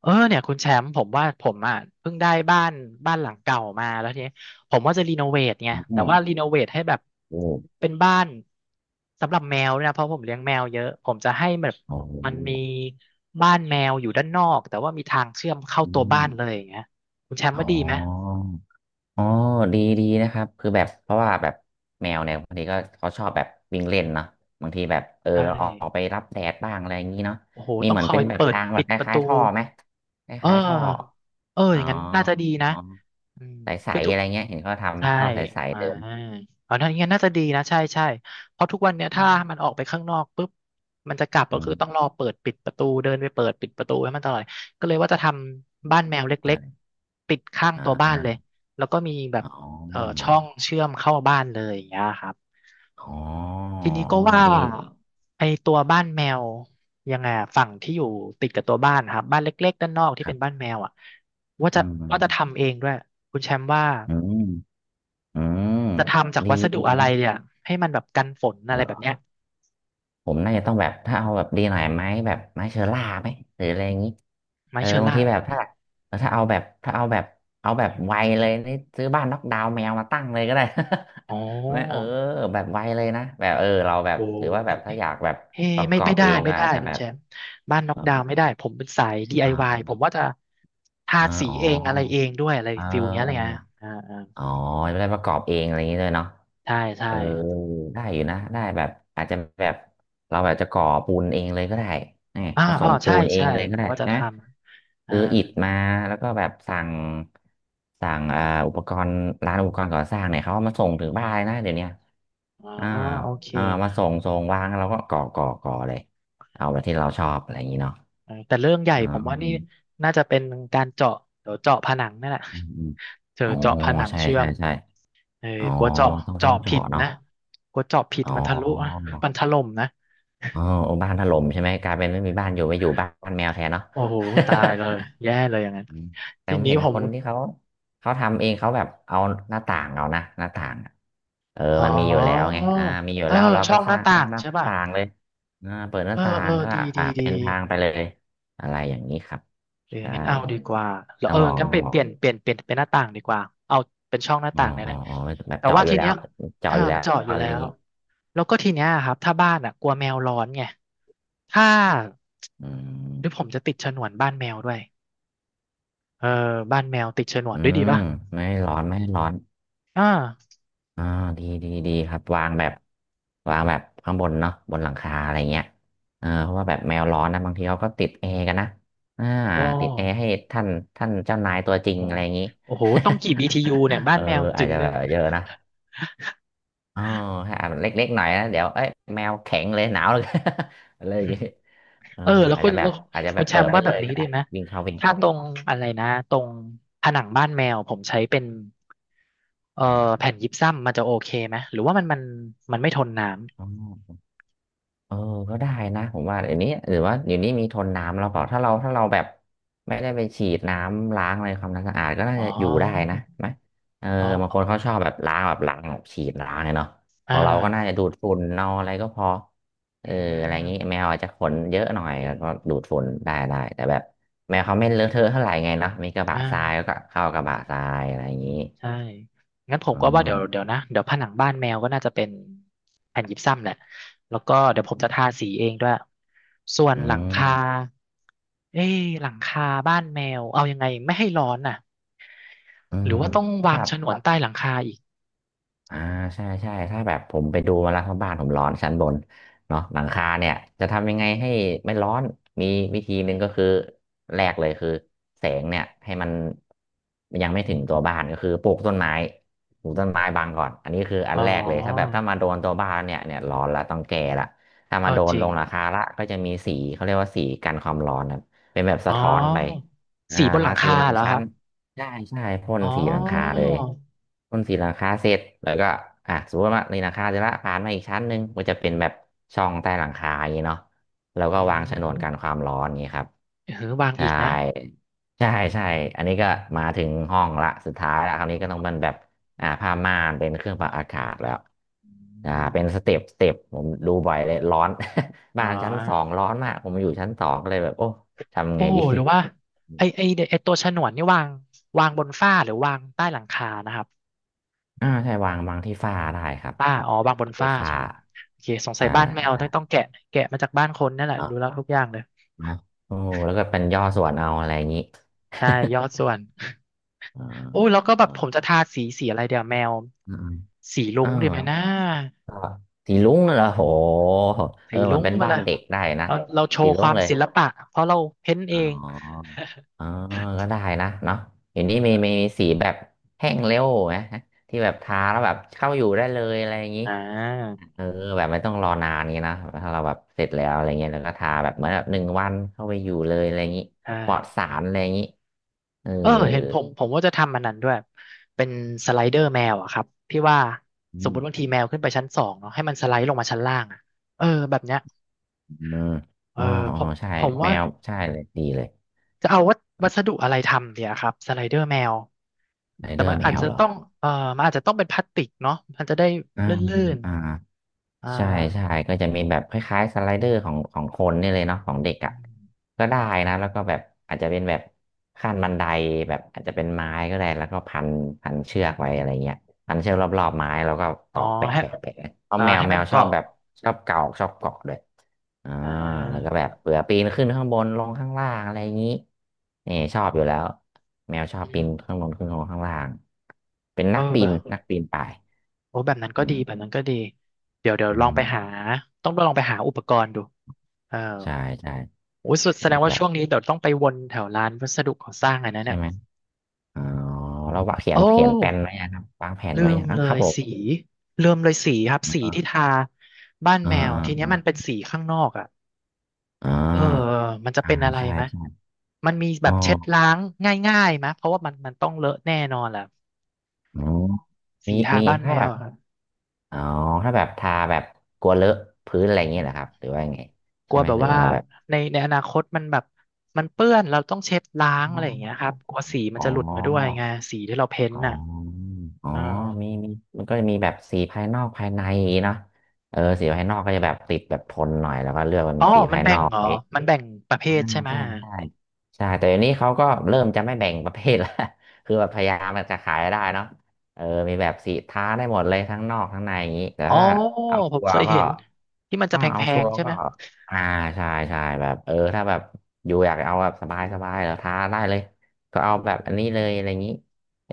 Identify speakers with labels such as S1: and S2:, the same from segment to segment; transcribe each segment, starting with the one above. S1: เออเนี่ยคุณแชมป์ผมว่าผมอ่ะเพิ่งได้บ้านบ้านหลังเก่ามาแล้วทีนี้ผมว่าจะรีโนเวทไง
S2: อื
S1: แต่
S2: ม
S1: ว่ารีโนเวทให้แบบ
S2: โอ้
S1: เป็นบ้านสำหรับแมวด้วยนะเพราะผมเลี้ยงแมวเยอะผมจะให้แบบ
S2: โอ้โห
S1: มันมีบ้านแมวอยู่ด้านนอกแต่ว่ามีทางเชื่อมเข้า
S2: อื
S1: ตัวบ้า
S2: ม
S1: นเลยอย่างเงี้ยคุณแชมป์
S2: อ๋
S1: ว่าดีไหม
S2: ออ๋อดีดีนะครับคือแบบเพราะว่าแบบแมวเนี่ยบางทีก็เขาชอบแบบวิ่งเล่นเนาะบางทีแบบ
S1: ใช่
S2: ออกไปรับแดดบ้างอะไรอย่างนี้เนาะ
S1: โอ้โห
S2: มี
S1: ต้อ
S2: เห
S1: ง
S2: มือ
S1: ค
S2: น
S1: อ
S2: เป็น
S1: ย
S2: แบบ
S1: เปิด
S2: ทางแบ
S1: ปิ
S2: บ
S1: ด
S2: ค
S1: ประ
S2: ล้า
S1: ตู
S2: ยๆท่อไหมค
S1: เ
S2: ล้ายๆท่อ
S1: ออเออ
S2: อ๋
S1: อ
S2: อ
S1: ย่างนั้นน่าจะดีนะ
S2: อ๋อ
S1: อืม
S2: ใส
S1: คือ
S2: ๆ
S1: ทุ
S2: อะ
S1: ก
S2: ไรเงี้ยเห็นเขา
S1: ใช่
S2: ทำท่อใส
S1: อ่า
S2: ๆเดิน
S1: เอานั่นงั้นน่าจะดีนะใช่ใช่เพราะทุกวันเนี้ย
S2: อื
S1: ถ้า
S2: ม
S1: มันออกไปข้างนอกปุ๊บมันจะกลับ
S2: อื
S1: ก็คื
S2: ม
S1: อต้องรอเปิดปิดประตูเดินไปเปิดปิดประตูให้มันตลอดก็เลยว่าจะทำบ้านแมวเล็ก
S2: ได้
S1: ๆติดข้าง
S2: อ่
S1: ตัวบ้านเลย
S2: า
S1: แล้วก็มีแบบ
S2: อ๋ออ
S1: เอ่อ
S2: ๋อ
S1: ช่องเชื่อมเข้าบ้านเลยอย่างเงี้ยครับ
S2: อ๋อ
S1: ทีนี้ก็ว่า
S2: ดี
S1: ไอตัวบ้านแมวยังไงอะฝั่งที่อยู่ติดกับตัวบ้านนะครับบ้านเล็กๆด้านนอกที่
S2: ครั
S1: เป็นบ้าน
S2: บ
S1: แมวอ่ะว่า
S2: อื
S1: จะว่าจะ
S2: ม
S1: ทำเองด้วยคุณแชมป์ว่า
S2: อืม อืม
S1: จะทำจาก
S2: ดี
S1: วัสดุ
S2: ดี
S1: อะไร
S2: นะ
S1: เนี่ยให้มันแบบกันฝนอะ
S2: เห
S1: ไร
S2: ร
S1: แบบเนี้
S2: อ
S1: ย
S2: ผมน่าจะต้องแบบถ้าเอาแบบดีหน่อยไหมแบบไม้เชอร่าไหมหรืออะไรอย่างนี้
S1: ไม้เชอ
S2: บาง
S1: ร่า
S2: ทีแบบถ้าถ้าเอาแบบเอาแบบไวเลยนี่ซื้อบ้านน็อกดาวน์แมวมาตั้งเลยก็ได้
S1: อ๋อ
S2: ไม่เออแบบไวเลยนะแบบเราแบบ
S1: โอ้
S2: หรือว่าแบ
S1: ไม่
S2: บถ้า
S1: ไม่
S2: อยากแบบ
S1: เฮ้
S2: ประ
S1: ไม่
S2: กอ
S1: ไม่
S2: บ
S1: ได้
S2: เอง
S1: ไม่
S2: ก็
S1: ได้
S2: อาจจะ
S1: คุ
S2: แบ
S1: ณแช
S2: บ
S1: มป์บ้านน็อกดาวน์
S2: อ่า
S1: ไม่ได้ผมเป็นสาย DIY ผมว่าจะทา
S2: อ่า
S1: สี
S2: อ๋อ
S1: เองอะไรเองด้วยอะไร
S2: เออ
S1: ฟิลเนี้ยเลยไรเงยอ่าอ่า
S2: อ๋อไม่ได้ประกอบเองอะไรอย่างนี้เลยเนาะ
S1: ใช่ใช่
S2: เออได้อยู่นะได้แบบอาจจะแบบเราแบบจะก่อปูนเองเลยก็ได้นี่
S1: อ่า
S2: ผส
S1: อ๋อ
S2: มปู
S1: ใช่
S2: นเอง
S1: ใช่
S2: เลยก็ได้
S1: ว่าจะ
S2: นะ
S1: ทำอ่า
S2: ซื้ออิฐมาแล้วก็แบบสั่งอุปกรณ์ร้านอุปกรณ์ก่อสร้างเนี่ยเขาเอามาส่งถึง
S1: อื
S2: บ้านเลยนะ
S1: ม
S2: เดี๋ยวเนี้ย
S1: อ๋อ
S2: อ่า
S1: โอเค
S2: อ่ามาส่งวางแล้วเราก็ก่อเลยเอาแบบที่เราชอบอะไรอย่างนี้เนาะ
S1: เออแต่เรื่องใหญ่
S2: อ่า
S1: ผมว่านี่
S2: ม
S1: น่าจะเป็นการเจาะเดี๋ยวเจาะผนังนั่นแหละ
S2: อืม
S1: เจอ
S2: อ๋อ
S1: เจาะผนัง
S2: ใช่
S1: เชื่อ
S2: ใช่
S1: ม
S2: ใช่
S1: เออ
S2: อ๋อ
S1: กลัวเจาะ
S2: ต้อง
S1: เจาะผิด
S2: เจาะเนาะ
S1: นะกลัวเจาะผิด
S2: อ๋อ
S1: มันทะลุอะมันถล่มนะ
S2: อ๋อโอ้บ้านถล่มใช่ไหมกลายเป็นไม่มีบ้านอยู่ไปอยู่บ้านแมวแทนเนาะ
S1: โอ้โหตายเลยแย่เลยอย่างนั้น
S2: อืมแต่
S1: ที
S2: ผม
S1: นี้
S2: เห็น
S1: ผ
S2: ค
S1: ม
S2: นที่เขาทำเองเขาแบบเอาหน้าต่างเอานะหน้าต่างอะ
S1: อ๋อ
S2: มันมีอยู่แล้วไงอ่ามีอยู่
S1: เออ
S2: แล้วเรา
S1: ช่
S2: ก็
S1: อง
S2: ส
S1: หน้า
S2: ร้าง
S1: ต่า
S2: ข้าง
S1: ง
S2: หน้า
S1: ใช่ป่ะ
S2: ต่างเลยอ่าเปิดห
S1: เอ
S2: น้า
S1: อ
S2: ต่า
S1: เอ
S2: ง
S1: อ
S2: ก็
S1: ดีดี
S2: อ่า
S1: ดี
S2: เป็นทางไปเลยอะไรอย่างนี้ครับ
S1: เออ
S2: ใช่
S1: งั้นเอาดีกว่าแล้ว
S2: ต้อ
S1: เอ
S2: ง
S1: อ
S2: ลอง
S1: งั้น
S2: ต้
S1: ไป
S2: องล
S1: เป
S2: อง
S1: ลี่ยนเปลี่ยนเปลี่ยนเป็นหน้าต่างดีกว่าเอาเป็นช่องหน้า
S2: อ๋อ
S1: ต่างเนี่ย
S2: อ๋
S1: แห
S2: อ
S1: ละ
S2: อ๋อแบบ
S1: แต่
S2: เจาะ
S1: ว่า
S2: อยู่
S1: ที
S2: แล้
S1: เนี้
S2: ว
S1: ย
S2: เจาะ
S1: อ่า
S2: อยู่แล้
S1: มัน
S2: ว
S1: เจาะอยู่
S2: อะไร
S1: แล้
S2: อย่าง
S1: ว
S2: นี้
S1: แล้วก็ทีเนี้ยครับถ้าบ้านอ่ะกลัวแมวร้อนไงถ้า
S2: อื
S1: หรือผ
S2: ม
S1: มจะติดฉนวนบ้านแมวด้วยเออบ้านแมวติดฉนวน
S2: อื
S1: ด้วยดี
S2: ม
S1: ป่ะ
S2: ไม่ให้ร้อนไม่ให้ร้อน
S1: อ่า
S2: อ่าดีดีดีครับวางแบบวางแบบข้างบนเนาะบนหลังคาอะไรเงี้ยเพราะว่าแบบแมวร้อนนะบางทีเขาก็ติดแอร์กันนะอ่า
S1: อ๋อ
S2: ติดแอร์ให้ท่านท่านเจ้านายตัวจ
S1: โอ้
S2: ริง
S1: โห
S2: อะไรอย่างนี้
S1: โอ้โหต้องกี่ BTU เนี่ย บ้า
S2: เอ
S1: น
S2: อ
S1: แมว
S2: อา
S1: จึ
S2: จ
S1: ง
S2: จะ
S1: นึ
S2: แบ
S1: ง
S2: บเยอะนะอ๋อถ้าอาจเล็กๆหน่อยนะเดี๋ยวเอ้ยแมวแข็งเลยหนาวเลย อะไรอย่างนี้เอ อ
S1: เออแล้ว
S2: อาจ
S1: คุ
S2: จะ
S1: ณ
S2: แบ
S1: แล้
S2: บ
S1: ว
S2: อาจจะแบ
S1: คุณ
S2: บ
S1: แช
S2: เปิ
S1: ม
S2: ด
S1: ป์
S2: ไป
S1: ว่าแบ
S2: เล
S1: บ
S2: ย
S1: นี้
S2: ก็
S1: ดี
S2: ได้
S1: ไหม
S2: วิ่งเข้าวิ่งอ
S1: ถ้า
S2: อก
S1: ตรงอะไรนะตรงผนังบ้านแมวผมใช้เป็นเอ่อ
S2: อม
S1: แผ่นยิปซัมมันจะโอเคไหมหรือว่ามันไม่ทนน้
S2: อ๋อ เออก็ได้นะผมว่าเดี๋ยวนี้หรือว่าเดี๋ยวนี้มีทนน้ำแล้วเปล่าถ้าเราแบบไม่ได้ไปฉีดน้ำล้างอะไรความสะอาดก็
S1: ำ
S2: น่า
S1: อ๋
S2: จะอยู่ได้นะ
S1: อ
S2: ไหมเออ
S1: อ๋
S2: บางคน
S1: อ
S2: เขาชอบแบบล้างแบบล้างแบบฉีดล้างเนี่ยเนาะข
S1: อ่า
S2: องเราก็น่าจะดูดฝุ่นเอาอะไรก็พอเอ
S1: อื
S2: ออะไรงี้แม
S1: ม
S2: วอาจจะขนเยอะหน่อ
S1: โอ
S2: ย
S1: เค
S2: ก็ดูดฝุ่นได้แต่แบบแมวเขาไม่เลอะเทอะเท่าไหร่ไงเนาะมีกระ
S1: อ
S2: บะทราย
S1: ่า
S2: ก็เข้ากระบะทรายอะไรอย่างนี้
S1: ใช่งั้นผม
S2: อ๋อ
S1: ก็ว่าเดี๋ยวผนังบ้านแมวก็น่าจะเป็นแผ่นยิปซัมแหละแล้วก็เดี๋ยวผมจะทาสีเองด้วยส่วน
S2: อื
S1: หลังคา
S2: ม
S1: เอ้ยหลังคาบ้านแมวเอายังไงไม่ให้ร้อนน่ะ
S2: อื
S1: หรื
S2: ม
S1: อว่าต้องวา
S2: ถ้า
S1: งฉนวนใต้หลังคาอีก
S2: อ่าใช่ใช่ถ้าแบบผมไปดูมาแล้วทัรงบ้านผมร้อนชั้นบนเนาะหลังคาเนี่ยจะทำยังไงให้ไม่ร้อนมีวิธีห
S1: อื
S2: นึ่งก็คือ
S1: ม
S2: แรกเลยคือแสงเนี่ยให้มันยังไม่ถึงตัวบ้านก็คือปลูกต้นไม้ปลูกต้นไม้บังก่อนอันนี้คืออั
S1: อ๋
S2: น
S1: อ
S2: แรกเลยถ้าแบบถ้ามาโดนตัวบ้านเนี่ยร้อนละต้องแก่ละถ้า
S1: เอ
S2: มา
S1: อ
S2: โด
S1: จ
S2: น
S1: ริ
S2: ล
S1: ง
S2: งหลังคาละก็จะมีสีเขาเรียกว่าสีกันความร้อนนะเป็นแบบ
S1: อ๋อ
S2: สะท้อนไปอ่า
S1: สีบนห
S2: ทา
S1: ลัง
S2: สี
S1: คา
S2: หนึ่ง
S1: เหรอค
S2: ชั้
S1: รั
S2: น
S1: บ
S2: ใช่ใช่พ่น
S1: อ๋อ
S2: สีหลังคาเลยพ่นสีหลังคาเสร็จแล้วก็อ่ะสมมติว่าในหลังคาเสร็จละผ่านมาอีกชั้นหนึ่งมันจะเป็นแบบช่องใต้หลังคาอย่างนี้เนาะแล้วก็
S1: อื
S2: วางฉนวน
S1: ม
S2: กันความร้อนอย่างนี้ครับ
S1: เออวางอี
S2: ใช่
S1: กนะ
S2: ใช่ใช่อันนี้ก็มาถึงห้องละสุดท้ายละคราวนี้ก็ต้องเป็นแบบอ่าผ้าม่านเป็นเครื่องปรับอากาศแล้วอ่า
S1: อืม
S2: เป็นสเต็ปผมดูบ่อยเลยร้อน
S1: อ๋
S2: บ้านชั้นสอ
S1: อ
S2: งร้อนมากผมอยู่ชั้นสองก็เลยแบบโอ้ทำ
S1: โอ้
S2: ไงดี
S1: หรือว่าไอไอไอตัวฉนวนนี่วางวางบนฝ้าหรือวางใต้หลังคานะครับ
S2: อ่าใช่วางที่ฝ้าได้ครับ
S1: ฝ้าอ๋อวางบน
S2: ไฟ
S1: ฝ้า
S2: ฟ้า
S1: ใช่ไหมครับโอเคสงสัย
S2: ใช่
S1: บ้านแมวต้
S2: ใช่
S1: องต้องแกะแกะมาจากบ้านคนนั่นแหละ
S2: เนาะ
S1: ดูแล้วทุกอย่างเลย
S2: เนาะโอ้โหแล้วก็เป็นย่อส่วนเอาอะไรอย่างนี้
S1: ใช่ยอดส่วน
S2: อ่า
S1: โอ้ยแล้วก็แบบ
S2: อ่า
S1: ผมจะทาสีอะไรเดี๋ยวแมว
S2: อืม
S1: สี
S2: ๆ
S1: รุ้ง
S2: เอ่า
S1: ดีไหมนะ
S2: ก็สีลุ้งน่ะเหรอโห
S1: สี
S2: เหมือ
S1: รุ้
S2: น
S1: ง
S2: เป็น
S1: มา
S2: บ้า
S1: เล
S2: น
S1: ย
S2: เด็กได้นะ
S1: เราโช
S2: สี
S1: ว์ค
S2: ลุ้
S1: วา
S2: ง
S1: ม
S2: เลย
S1: ศิลปะเพราะเราเพ้นท์เอ
S2: อ๋
S1: ง
S2: ออ๋อก็ได้นะเนาะเห็นที่มี สีแบบแห้งเร็วไหมที่แบบทาแล้วแบบเข้าอยู่ได้เลยอะไรอย่างนี้
S1: อ่า
S2: เออแบบไม่ต้องรอนานนี้นะถ้าเราแบบเสร็จแล้วอะไรเงี้ยแล้วก็ทาแบบเหมือนแบบหนึ่งวันเข้าไปอยู่เลยอะไรอย่างนี้
S1: ใช่
S2: ปลอดสารอะไรอย่างนี้เออ
S1: เออเห็นผมว่าจะทำมันนั้นด้วยเป็นสไลเดอร์แมวอะครับที่ว่าส
S2: อื
S1: มม
S2: ม
S1: ติบางทีแมวขึ้นไปชั้นสองเนาะให้มันสไลด์ลงมาชั้นล่างอะเออแบบเนี้ย
S2: อม
S1: เออ
S2: อ๋ออ๋อ
S1: ผม
S2: ใช่
S1: ผม
S2: แม
S1: ว่า
S2: วใช่เลยดีเลย
S1: จะเอาวัสดุอะไรทำเดียครับสไลเดอร์แมว
S2: ไร
S1: แต่
S2: เดอ
S1: มัน
S2: ร์แม
S1: อาจ
S2: ว
S1: จะ
S2: เหรอ
S1: ต้องเออมันอาจจะต้องเป็นพลาสติกเนาะมันจะได้
S2: อ่า
S1: ลื่น
S2: อ่า
S1: ๆอ่า
S2: ใช่ใช่ก็จะมีแบบคล้ายๆสไลเดอร์ของของคนนี่เลยเนาะของเด็ก
S1: อ
S2: อ่ะ
S1: ม
S2: ก็ได้นะแล้วก็แบบอาจจะเป็นแบบขั้นบันไดแบบอาจจะเป็นไม้ก็ได้แล้วก็พันเชือกไว้อะไรเงี้ยพันเชือกรอบๆไม้แล้วก็ต
S1: อ๋อ
S2: อกแปะ
S1: ให้
S2: แปะแปะเพราะ
S1: อ่า
S2: แมว
S1: ให้
S2: แม
S1: มัน
S2: วชอบ
S1: เกาะ
S2: แบบชอบเกาะชอบเกาะด้วยอ่า
S1: อ่า
S2: แล้วก็แบบเผื่อปีนขึ้นข้างบนลงข้างล่างอะไรอย่างนี้นี่ชอบอยู่แล้วแมวชอบปี
S1: อื
S2: น
S1: ม
S2: ข้างบนขึ้นลงข้างล่างเป็น
S1: เออ
S2: นักปี
S1: แบ
S2: น
S1: บ
S2: นักปีนป่าย
S1: โอ้แบบนั้น
S2: อื
S1: ก็ดีแบบ
S2: ม
S1: นั้นก็ดีเดี๋ยว
S2: อื
S1: ลอง
S2: ม
S1: ไปหาต้องลองไปหาอุปกรณ์ดูเออ
S2: ใช่ใช่
S1: โอ้ยสุดแสดงว่า
S2: แบบ
S1: ช่วงนี้เดี๋ยวต้องไปวนแถวร้านวัสดุก่อสร้างอันนั้น
S2: ใช่
S1: เนี่ย
S2: ไหมอ๋อ
S1: อืม
S2: เราวางเขีย
S1: โอ้
S2: นเขียนแผนไว้ยังครับวางแผน
S1: ลื
S2: ไว้ยั
S1: ม
S2: งอ่ะ
S1: เล
S2: ครับ
S1: ย
S2: ผม
S1: สีลืมเลยสีครับ
S2: อ
S1: สีที่
S2: ่า
S1: ทาบ้าน
S2: อ่
S1: แมวทีเนี้ย
S2: า
S1: มันเป็นสีข้างนอกอ่ะ
S2: อ่
S1: เออ
S2: า
S1: มันจะ
S2: อ่า
S1: เป็นอะไร
S2: ใช่
S1: ไหม
S2: ใช่
S1: มันมีแบ
S2: อ๋อ
S1: บเช็ดล้างง่ายๆไหมเพราะว่ามันต้องเลอะแน่นอนแหละ
S2: อ๋อมี
S1: สีทา
S2: มี
S1: บ้านแม
S2: ถ้าแบ
S1: ว
S2: บ
S1: อะครับ
S2: อ๋อถ้าแบบทาแบบกลัวเลอะพื้นอะไรอย่างเงี้ยเหรอครับ หรือว่ายังไง
S1: กลั
S2: ใช่
S1: ว
S2: ไหม
S1: แบบ
S2: หรือ
S1: ว่า
S2: ว่าแบบ
S1: ในอนาคตมันแบบมันเปื้อนเราต้องเช็ดล้างอะ
S2: อ๋
S1: ไรอย่างเงี้ยค
S2: อ
S1: รับกลัวสีมั
S2: อ๋
S1: น
S2: อ
S1: จะหลุดมาด้วยไงสีที่เราเพ้นท์
S2: อ๋
S1: น่ะ
S2: ออ๋อ
S1: อ่า
S2: มีมีมันก็จะมีแบบสีภายนอกภายในอย่างงี้เนาะเออสีภายนอกก็จะแบบติดแบบทนหน่อย แล้วก็เลือกเป็น
S1: อ๋อ
S2: สี
S1: มั
S2: ภา
S1: น
S2: ย
S1: แบ่
S2: นอ
S1: ง
S2: ก
S1: เหรอ มันแบ่งประเภ
S2: อ่า
S1: ทใช่ไหม
S2: ใช่ใช่ใช่แต่เดี๋ยวนี้เขาก็เริ่มจะไม่แบ่งประเภทละ คือแบบพยายามมันจะขายได้เนาะเออมีแบบสีท้าได้หมดเลยทั้งนอกทั้งในอย่างนี้แต่
S1: อ๋อ
S2: ถ้าเอา
S1: ผ
S2: ชั
S1: ม
S2: ว
S1: เค
S2: ร์
S1: ย
S2: ก็
S1: เห็นที่มันจะ
S2: อ้าว
S1: แพ
S2: เอาชัว
S1: ง
S2: ร์
S1: ๆใช่
S2: ก็
S1: ไหม
S2: อ่าใช่ใช่แบบเออถ้าแบบอยู่อยากเอาแบบสบายสบา
S1: เออ
S2: ยเหรอท้าได้เลยก็เอา
S1: อื
S2: แบบอันนี้เล
S1: ม
S2: ยอะไรอย่างนี้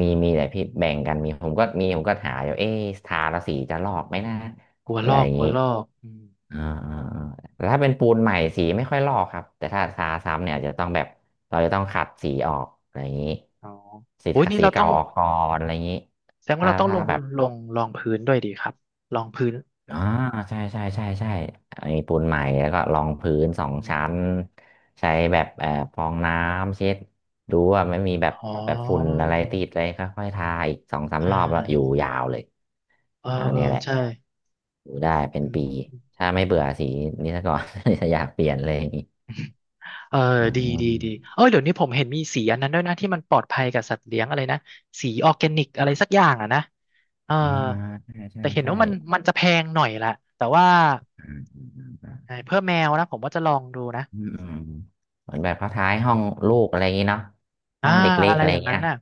S2: มีมีแต่พี่แบ่งกันมีผมก็หาอยู่เอ๊ะทาละสีจะลอกไหมนะ
S1: กลัว
S2: อะ
S1: ล
S2: ไร
S1: อ
S2: อ
S1: ก
S2: ย่าง
S1: กลั
S2: นี้
S1: วลอกอืม
S2: อ่าอ่าอ่าแต่ถ้าเป็นปูนใหม่สีไม่ค่อยลอกครับ แต่ถ้าทาซ้ำเนี่ยอาจจะต้องแบบ เราจะต้องขัดสีออกอะไรอย่างนี้
S1: อ๋อ
S2: สี
S1: โอ้ยนี่
S2: สี
S1: เราต้อ
S2: เก่า
S1: ง
S2: ออกก่อนอะไรอย่างนี้
S1: แสดงว่า
S2: ถ้า
S1: เราต้องลง
S2: แบบ
S1: ลงรองพื้นด้วยดีครับรองพื้น
S2: อ่าใช่ใช่มีปูนใหม่แล้วก็รองพื้นสอง
S1: อ
S2: ชั้
S1: ม
S2: นใช้แบบฟองน้ำเช็ดดูว่าไม่มีแบบ
S1: อ๋อ
S2: แบบฝุ่นอะไรติดเลยค่อยๆทาอีกสองสาม
S1: อ่
S2: รอบแล้วอยู่
S1: า
S2: ยาวเลย
S1: เออ
S2: เอา
S1: เออ
S2: เนี่ยแหละ
S1: ใช่
S2: อยู่ได้เป็น
S1: อื
S2: ปี
S1: ม
S2: ถ้าไม่เบื่อสีนี้ซะก่อน จะอยากเปลี่ยนเลยอย่างนี้
S1: เออ
S2: อ๋
S1: ดีดีดี
S2: อ
S1: เออเดี๋ยวนี้ผมเห็นมีสีอันนั้นด้วยนะที่มันปลอดภัยกับสัตว์เลี้ยงอะไรนะสีออร์แกนิกอะไรสักอย่างอ่ะนะเออ
S2: อ่าใช่ใช่
S1: แต่เห็น
S2: ใช่
S1: ว่ามันจะแพงหน่อยแหละแต่ว่า
S2: อืมอืมอืม
S1: เพื่อแมวนะผมว่าจะลองดูนะ
S2: อืมอืมเหมือนแบบเขาท้ายห้องลูกอะไรอย่างนี้เนาะห้
S1: อ่า
S2: องเด็กเล็ก
S1: อะไร
S2: อะไร
S1: อย่างนั้
S2: เงี้
S1: น
S2: ย
S1: น่ะ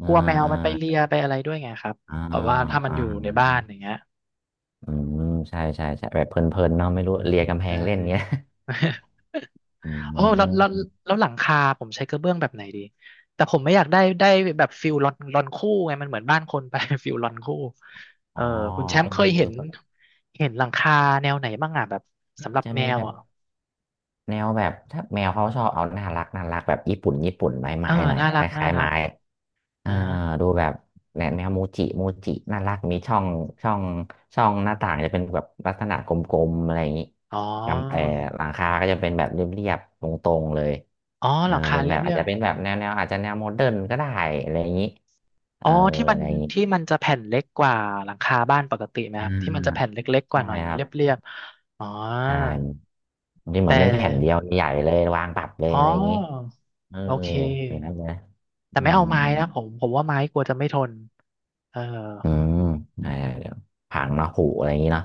S2: อ่า
S1: กลัวแมว
S2: อ่า
S1: มันไปเลียไปอะไรด้วยไงครับ
S2: อ่า
S1: แบบว่าถ้ามัน
S2: อ่
S1: อยู่ในบ้าน
S2: า
S1: อย่างเงี้ย
S2: อืมใช่ใช่ใช่แบบเพลินๆเนาะไม่รู้เลียกำแพ
S1: ใช่
S2: งเล่นเงี้ย อื
S1: โอ้
S2: ม
S1: แล้วหลังคาผมใช้กระเบื้องแบบไหนดีแต่ผมไม่อยากได้แบบฟิลลอนลอนคู่ไงมันเหมือนบ้านคนไป ฟิลลอนคู่เอ
S2: อ๋อ
S1: อคุณแชม
S2: เออ
S1: ป์เคยเห็น
S2: ก็
S1: เห็นหลังคาแนวไหนบ้างอ่ะแบบสำห
S2: อา
S1: รั
S2: จ
S1: บ
S2: จะ
S1: แม
S2: มี
S1: ว
S2: แบบ
S1: อ่ะ
S2: แนวแบบถ้าแมวเขาชอบเอาน่ารักน่ารักแบบญี่ปุ่นญี่ปุ่นไม้
S1: เอ
S2: ไม้
S1: อ
S2: หน่อย
S1: น่า
S2: อะค
S1: รักน่า
S2: ล้ายๆ
S1: รัก
S2: ไม้ เออ
S1: นะ
S2: ดูแบบแนวโมูจิโมูจิน่ารักมีช่องช่องช่องหน้าต่างจะเป็นแบบลักษณะกลมๆอะไรอย่างนี้
S1: อ๋อ
S2: กำเออหลังคาก็จะเป็นแบบเรียบๆตรงๆเลย
S1: อ๋อ
S2: เอ
S1: ห
S2: อ
S1: ลังคา
S2: เป็น
S1: เรี
S2: แบ
S1: ยบ
S2: บ
S1: เรี
S2: อาจ
S1: ยบ
S2: จะเป็นแบบแนวอาจจะแนวโมเดิร์นก็ได้อะไรอย่างนี้เอ
S1: อ๋อ
S2: ออะไรอย่างนี้
S1: ที่มันจะแผ่นเล็กกว่าหลังคาบ้านปกติไหมค
S2: อ่
S1: รับที่มันจะแผ่
S2: า
S1: นเล็กๆก
S2: ใช่
S1: ว่าหน่อย
S2: ค
S1: เนาะ
S2: รับ
S1: เรียบเรียบอ๋อ
S2: ใช่ที่เหมื
S1: แต่
S2: อนเป็นแผ่นเดียวใหญ่เลยวางปรับเลย
S1: อ๋
S2: อะไรอย่างนี้
S1: อ
S2: เออ
S1: โอเค
S2: อย่างนั้นเลยนะ
S1: แต่
S2: อื
S1: ไม่
S2: ม
S1: เอาไม้นะผมว่าไม้กลัวจะไม่ทนเออ
S2: อืมใเดี๋ยวผังเนาะผูอะไรอย่างนี้เนาะ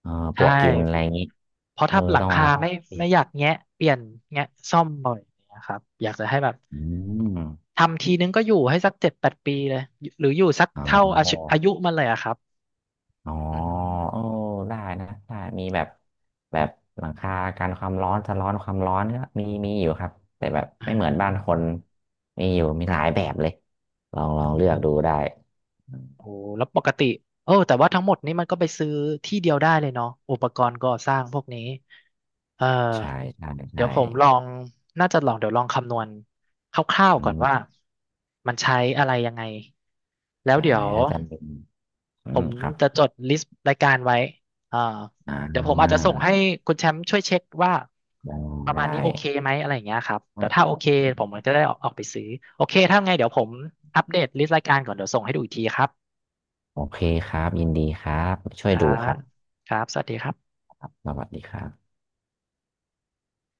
S2: เออปล
S1: ใช่
S2: วกกินอะไรอย่างนี้
S1: เพราะ
S2: เออ
S1: ถ้าหลั
S2: ต้
S1: ง
S2: องมา
S1: คา
S2: ละ
S1: ไม่
S2: เปลี่ย
S1: ไม่
S2: น
S1: อยากแงะเปลี่ยนแงะซ่อมบ่อยนะครับอยากจะให้แบบ
S2: อืม
S1: ทำทีนึงก็อยู่ให้สักเจ็ดแปดปีเลยหรืออยู่สัก
S2: เอ
S1: เท่าอายุ
S2: า
S1: อายุมันเลยอะครับ
S2: อ๋อ
S1: อื
S2: เออ
S1: ม
S2: ได้นะได้มีแบบแบบหลังคากันความร้อนสะร้อนความร้อนก็มีอยู่ครับแต่แบบ
S1: อ่
S2: ไม่เหมือนบ้านค
S1: า
S2: นมีอยู่มีหลายแบบเลยลองเลือกดูได้
S1: โอ้แล้วปกติเออแต่ว่าทั้งหมดนี้มันก็ไปซื้อที่เดียวได้เลยเนาะอุปกรณ์ก่อสร้างพวกนี้เออ
S2: ใช่ใช่
S1: เดี๋ย
S2: ใช่
S1: วผมลองน่าจะลองเดี๋ยวลองคำนวณคร่าว
S2: อื
S1: ๆก่อนว่า
S2: ม
S1: มันใช้อะไรยังไง แล้ว
S2: ใช่
S1: เดี๋ยว
S2: ถ้าจำเป็นอื
S1: ผ
S2: ม
S1: ม
S2: ครับ
S1: จะจดลิสต์รายการไว้อ่า
S2: อ่
S1: เดี๋ยวผมอาจจะ
S2: า
S1: ส่งให้คุณแชมป์ช่วยเช็คว่า
S2: ได้
S1: ประมา
S2: ได้
S1: ณนี้โอเคไหมอะไรอย่างเงี้ยครับเดี๋ยวถ้าโอเคผมจะได้ออกไปซื้อโอเคถ้าไงเดี๋ยวผมอัปเดตลิสต์รายการก่อนเดี๋ยวส่งให้ดูอีกทีครับ
S2: โอเคครับยินดีครับช่
S1: ค
S2: วย
S1: รั
S2: ดูครั
S1: บ
S2: บ
S1: ครับสวัสดีครับ
S2: สวัสดีครับ